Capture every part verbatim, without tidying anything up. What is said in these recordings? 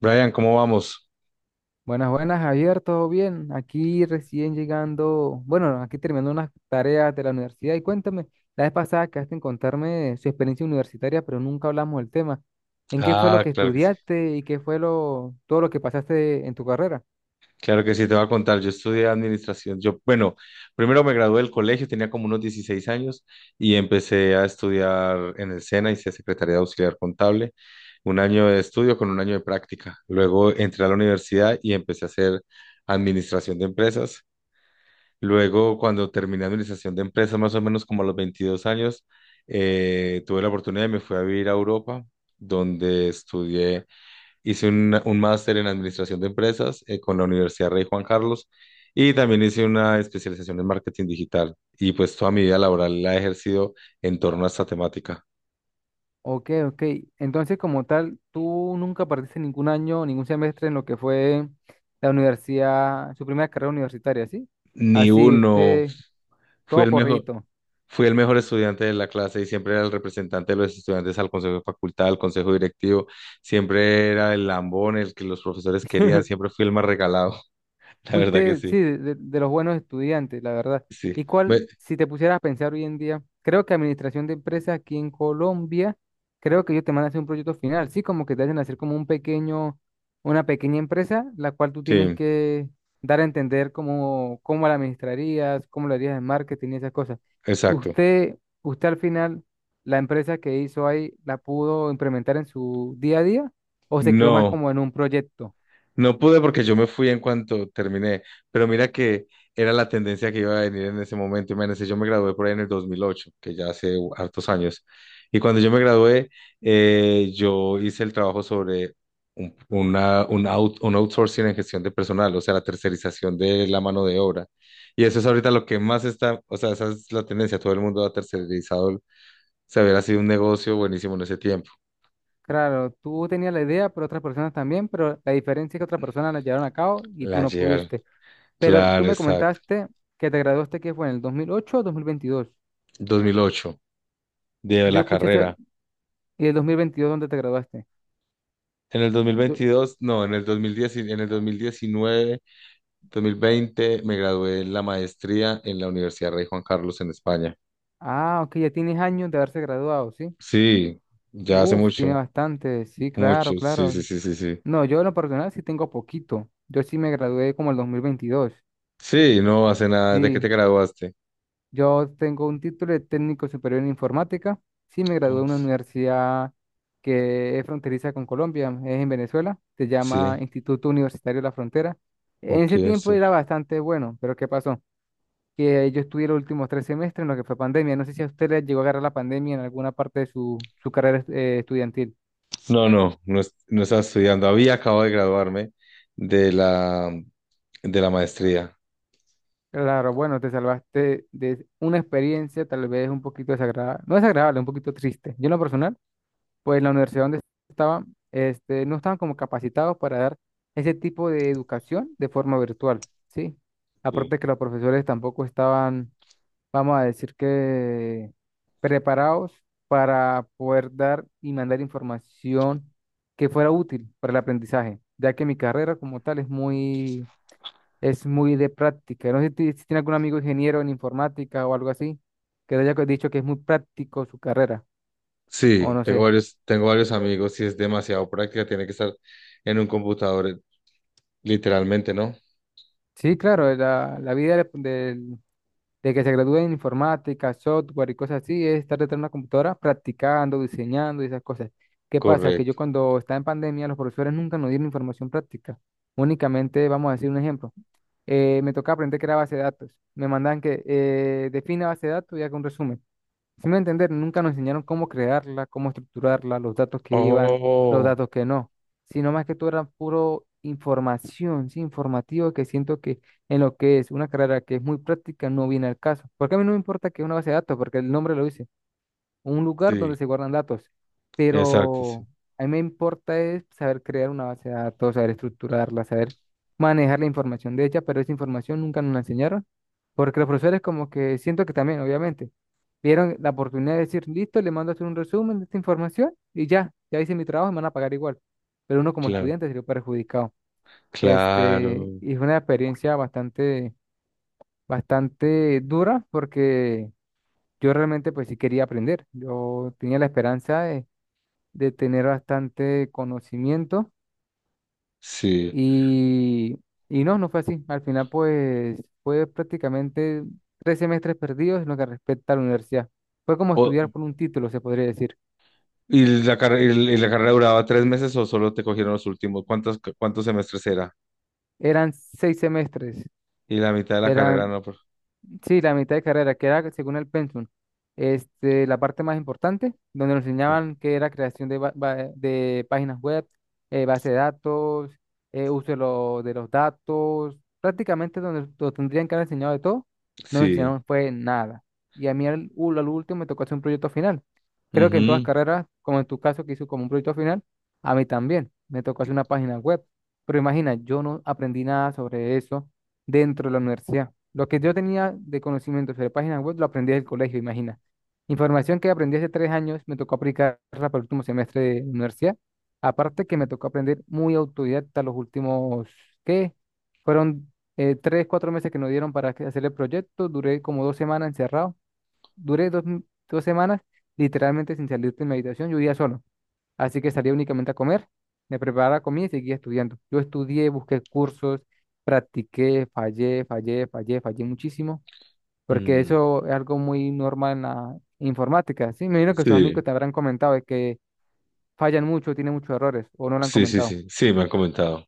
Brian, ¿cómo vamos? Buenas, buenas, Javier, ¿todo bien? Aquí recién llegando, bueno, aquí terminando unas tareas de la universidad y cuéntame, la vez pasada quedaste en contarme su experiencia universitaria, pero nunca hablamos del tema. ¿En qué fue lo Ah, que claro que sí. estudiaste y qué fue lo, todo lo que pasaste en tu carrera? Claro que sí, te voy a contar. Yo estudié administración. Yo, bueno, primero me gradué del colegio, tenía como unos dieciséis años y empecé a estudiar en el SENA, hice Secretaría de Auxiliar Contable, un año de estudio con un año de práctica. Luego entré a la universidad y empecé a hacer administración de empresas. Luego, cuando terminé administración de empresas, más o menos como a los veintidós años, eh, tuve la oportunidad y me fui a vivir a Europa, donde estudié. Hice un, un máster en administración de empresas eh, con la Universidad Rey Juan Carlos y también hice una especialización en marketing digital. Y pues toda mi vida laboral la he ejercido en torno a esta temática. Ok, ok. Entonces, como tal, tú nunca partiste ningún año, ningún semestre en lo que fue la universidad, su primera carrera universitaria, ¿sí? Ni Así, uno. usted, Fui todo el mejor, corridito. fui el mejor estudiante de la clase y siempre era el representante de los estudiantes al consejo de facultad, al consejo directivo. Siempre era el lambón, el que los profesores querían. Siempre fui el más regalado. La verdad que Fuiste, sí. sí, de, de- de los buenos estudiantes, la verdad. Sí. ¿Y cuál, Me- si te pusieras a pensar hoy en día, creo que administración de empresas aquí en Colombia, creo que ellos te mandan a hacer un proyecto final, sí, como que te hacen hacer como un pequeño, una pequeña empresa, la cual tú tienes sí, que dar a entender cómo, cómo la administrarías, cómo lo harías en marketing y esas cosas. exacto. Usted, usted al final, la empresa que hizo ahí, ¿la pudo implementar en su día a día o se quedó más No. como en un proyecto? No pude porque yo me fui en cuanto terminé, pero mira que era la tendencia que iba a venir en ese momento. Imagínense, yo me gradué por ahí en el dos mil ocho, que ya hace u- hartos años. Y cuando yo me gradué, eh, yo hice el trabajo sobre un, una- un, out- un outsourcing en gestión de personal, o sea, la tercerización de la mano de obra. Y eso es ahorita lo que más está, o sea, esa es la tendencia. Todo el mundo ha tercerizado. Se sea, hubiera sido un negocio buenísimo en ese tiempo. Claro, tú tenías la idea, pero otras personas también, pero la diferencia es que otras personas la llevaron a cabo y La tú no llevan. pudiste. Pero tú Claro, me exacto. comentaste que te graduaste, ¿qué fue? ¿En el dos mil ocho o dos mil veintidós? Dos mil ocho de Yo la escuché este, carrera. ¿y el dos mil veintidós dónde te graduaste? En el dos mil Yo, veintidós, no, en el dos mil diez, en el dos dos mil diecinueve, dos mil veinte, me gradué en la maestría en la Universidad Rey Juan Carlos en España. ah, ok, ya tienes años de haberse graduado, ¿sí? Sí, ya hace Uf, mucho, tiene bastante, sí, mucho, claro, sí, claro. sí, sí, sí, sí. No, yo en lo personal sí tengo poquito. Yo sí me gradué como el dos mil veintidós, Sí, no hace nada, ¿de qué te sí. graduaste? Yo tengo un título de técnico superior en informática. Sí, me gradué Oh, en una universidad que es fronteriza con Colombia, es en Venezuela, se llama sí, Instituto Universitario de la Frontera. En ok, ese tiempo eso. era bastante bueno, pero ¿qué pasó? Que yo estudié los últimos tres semestres en lo que fue pandemia. No sé si a usted le llegó a agarrar la pandemia en alguna parte de su, su carrera eh, estudiantil. No, no, no, es- no estaba estudiando, había acabado de graduarme de la, de la maestría. Claro, bueno, te salvaste de una experiencia tal vez un poquito desagradable, no desagradable, un poquito triste. Yo en lo personal pues la universidad donde estaba, este, no estaban como capacitados para dar ese tipo de educación de forma virtual, ¿sí? Sí, Aparte que los profesores tampoco estaban, vamos a decir que, preparados para poder dar y mandar información que fuera útil para el aprendizaje, ya que mi carrera como tal es muy, es muy de práctica. No sé si, ti- si tiene algún amigo ingeniero en informática o algo así, que le haya dicho que es muy práctico su carrera, o sí, no tengo sé. varios, tengo varios amigos y es demasiado práctica, tiene que estar en un computador, literalmente, ¿no? Sí, claro, la, la vida de, del- de que se gradúe en informática, software y cosas así, es estar detrás de una computadora practicando, diseñando y esas cosas. ¿Qué pasa? Que yo Correcto. cuando estaba en pandemia, los profesores nunca nos dieron información práctica. Únicamente, vamos a decir un ejemplo, eh, me tocaba aprender que era base de datos. Me mandaban que eh, defina base de datos y haga un resumen. Si me entender, nunca nos enseñaron cómo crearla, cómo estructurarla, los datos que iban, los Oh, datos que no, sino más que todo era puro información, sí, informativo, que siento que en lo que es una carrera que es muy práctica no viene al caso. Porque a mí no me importa que es una base de datos, porque el nombre lo dice un lugar donde sí, se guardan datos. exacto, sí. Pero a mí me importa es saber crear una base de datos, saber estructurarla, saber manejar la información de ella, pero esa información nunca nos la enseñaron, porque los profesores como que siento que también, obviamente, vieron la oportunidad de decir, listo, le mando a hacer un resumen de esta información y ya, ya hice mi trabajo, me van a pagar igual. Pero uno como Claro, estudiante salió perjudicado. Este, claro, y fue una experiencia bastante, bastante dura porque yo realmente pues sí quería aprender. Yo tenía la esperanza de, de tener bastante conocimiento sí. y, y no, no fue así. Al final pues fue prácticamente tres semestres perdidos en lo que respecta a la universidad. Fue como O- estudiar por un título, se podría decir. ¿Y la, carre- y la carrera duraba tres meses o solo te cogieron los últimos? ¿Cuántos, cuántos semestres era? Eran seis semestres, Y la mitad de la carrera eran no. por- sí, la mitad de carrera, que era según el pensum, este, la parte más importante, donde nos enseñaban que era creación de, ba- ba- de páginas web, eh, base de datos, eh, uso de, lo- de los datos, prácticamente donde nos tendrían que haber enseñado de todo, no nos Sí. enseñaron fue nada. Y a mí al, ul- al último me tocó hacer un proyecto final. Creo que en todas Ujú. carreras, como en tu caso que hizo como un proyecto final, a mí también me tocó hacer una página web. Pero imagina, yo no aprendí nada sobre eso dentro de la universidad. Lo que yo tenía de conocimiento sobre páginas web lo aprendí del colegio, imagina. Información que aprendí hace tres años, me tocó aplicarla para el último semestre de universidad. Aparte que me tocó aprender muy autodidacta los últimos, ¿qué? Fueron eh, tres, cuatro meses que nos dieron para que- hacer el proyecto. Duré como dos semanas encerrado. Duré dos, dos semanas literalmente sin salir de mi habitación. Yo vivía solo así que salía únicamente a comer, me preparaba la comida y seguía estudiando. Yo estudié, busqué cursos, practiqué, fallé, fallé, fallé, fallé muchísimo, porque Mm. eso es algo muy normal en la informática, ¿sí? Me imagino que sus amigos Sí, te habrán comentado de que fallan mucho, tienen muchos errores, o no lo han sí, sí, comentado. sí. Sí, me han comentado.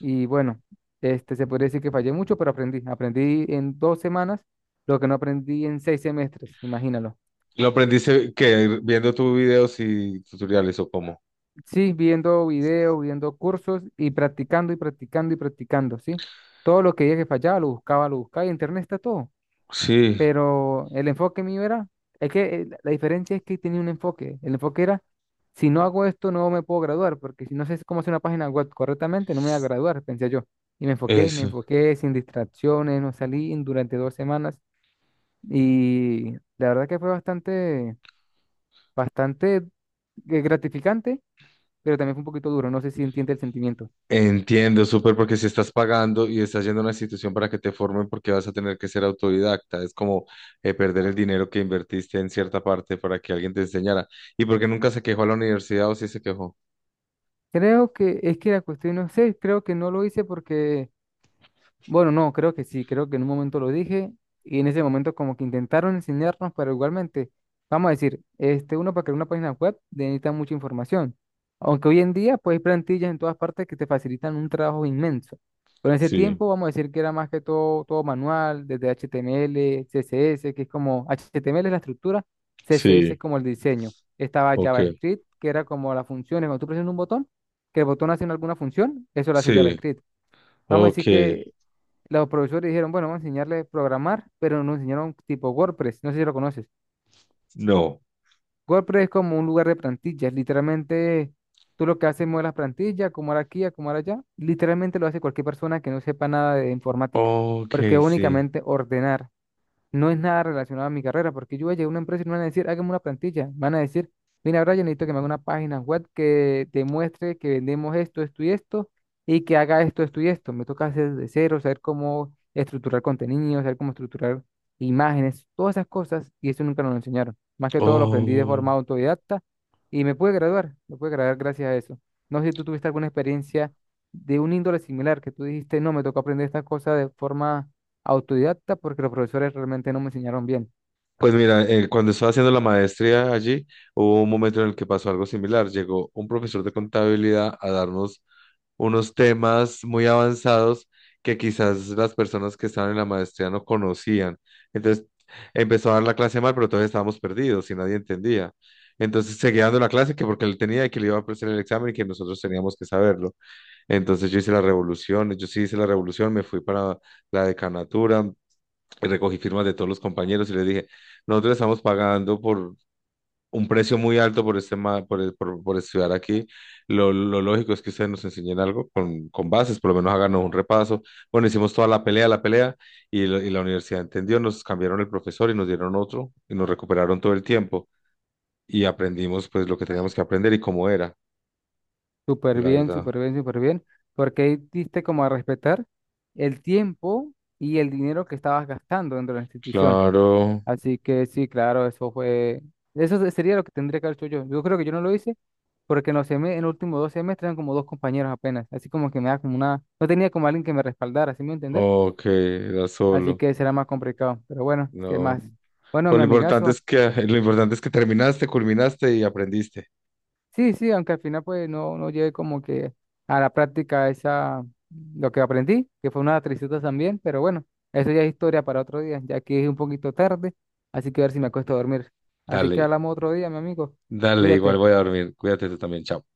Y bueno, este, se podría decir que fallé mucho, pero aprendí. Aprendí en dos semanas lo que no aprendí en seis semestres, imagínalo. ¿Lo aprendiste que viendo tus videos y tutoriales o cómo? Sí, viendo videos, viendo cursos y practicando y practicando y practicando, ¿sí? Todo lo que dije que fallaba, lo buscaba, lo buscaba y en internet está todo. Sí, Pero el enfoque mío era, es que eh, la diferencia es que tenía un enfoque. El enfoque era, si no hago esto, no me puedo graduar, porque si no sé cómo hacer una página web correctamente, no me voy a graduar, pensé yo. Y me enfoqué, me eso. enfoqué sin distracciones, no salí durante dos semanas y la verdad que fue bastante, bastante eh, gratificante pero también fue un poquito duro, no sé si entiende el sentimiento. Entiendo, súper, porque si estás pagando y estás yendo a una institución para que te formen, porque vas a tener que ser autodidacta. Es como eh, perder el dinero que invertiste en cierta parte para que alguien te enseñara. ¿Y porque nunca se quejó a la universidad o sí se quejó? Creo que es que la cuestión, no sé, creo que no lo hice porque bueno, no, creo que sí, creo que en un momento lo dije y en ese momento como que intentaron enseñarnos, pero igualmente, vamos a decir, este, uno para crear una página web necesita mucha información, aunque hoy en día pues hay plantillas en todas partes que te facilitan un trabajo inmenso, pero en ese Sí, tiempo vamos a decir que era más que todo, todo manual, desde H T M L, C S S, que es como, HTML es la estructura, C S S es sí, como el diseño, estaba ok. JavaScript, que era como las funciones, cuando tú presionas un botón, que el botón hace alguna función, eso lo hace Sí, JavaScript. Vamos a ok, decir que los profesores dijeron, bueno, vamos a enseñarle a programar, pero nos enseñaron tipo WordPress, no sé si lo conoces. no, WordPress es como un lugar de plantillas, literalmente tú lo que haces es mover las plantillas, como ahora aquí, como ahora allá, literalmente lo hace cualquier persona que no sepa nada de informática, porque ok, es sí. únicamente ordenar, no es nada relacionado a mi carrera, porque yo voy a llegar a una empresa y me van a decir, hágame una plantilla. Me van a decir, mira, Brian, necesito que me haga una página web que demuestre que vendemos esto, esto y esto, y que haga esto, esto y esto. Me toca hacer de cero, saber cómo estructurar contenido, saber cómo estructurar imágenes, todas esas cosas, y eso nunca nos lo enseñaron. Más que todo lo aprendí de Oh. forma autodidacta y me pude graduar, me pude graduar gracias a eso. No sé si tú tuviste alguna experiencia de un índole similar, que tú dijiste, no, me tocó aprender estas cosas de forma autodidacta porque los profesores realmente no me enseñaron bien. Pues mira, eh, cuando estaba haciendo la maestría allí, hubo un momento en el que pasó algo similar. Llegó un profesor de contabilidad a darnos unos temas muy avanzados que quizás las personas que estaban en la maestría no conocían. Entonces empezó a dar la clase mal, pero todos estábamos perdidos y nadie entendía. Entonces seguía dando la clase que porque él tenía y que le iba a presentar el examen y que nosotros teníamos que saberlo. Entonces yo hice la revolución, yo sí hice la revolución, me fui para la decanatura, recogí firmas de todos los compañeros y les dije, nosotros estamos pagando por un precio muy alto por, este, ma- por, el- por, por estudiar aquí. Lo, lo lógico es que ustedes nos enseñen algo con, con bases, por lo menos háganos un repaso. Bueno, hicimos toda la pelea, la pelea, y, lo- y la universidad entendió, nos cambiaron el profesor y nos dieron otro, y nos recuperaron todo el tiempo, y aprendimos pues lo que teníamos que aprender y cómo era, Súper la bien, verdad. súper bien, súper bien. Porque ahí diste como a respetar el tiempo y el dinero que estabas gastando dentro de la institución. Claro, Así que sí, claro, eso fue... Eso se- sería lo que tendría que haber hecho yo. Yo creo que yo no lo hice porque en los, seme- en los últimos dos semestres eran como dos compañeros apenas. Así como que me da como una... No tenía como alguien que me respaldara, ¿sí me voy a entender. ok, era Así solo, que será más complicado. Pero bueno, ¿qué no. más? Bueno, Pero mi lo importante amigazo, es que, lo importante es que terminaste, culminaste y aprendiste. sí, sí, aunque al final pues no, no lleve como que a la práctica esa lo que aprendí, que fue una tristeza también, pero bueno, eso ya es historia para otro día, ya que es un poquito tarde, así que a ver si me acuesto a dormir. Así que Dale, hablamos otro día, mi amigo. dale, igual Cuídate. voy a dormir. Cuídate tú también, chao.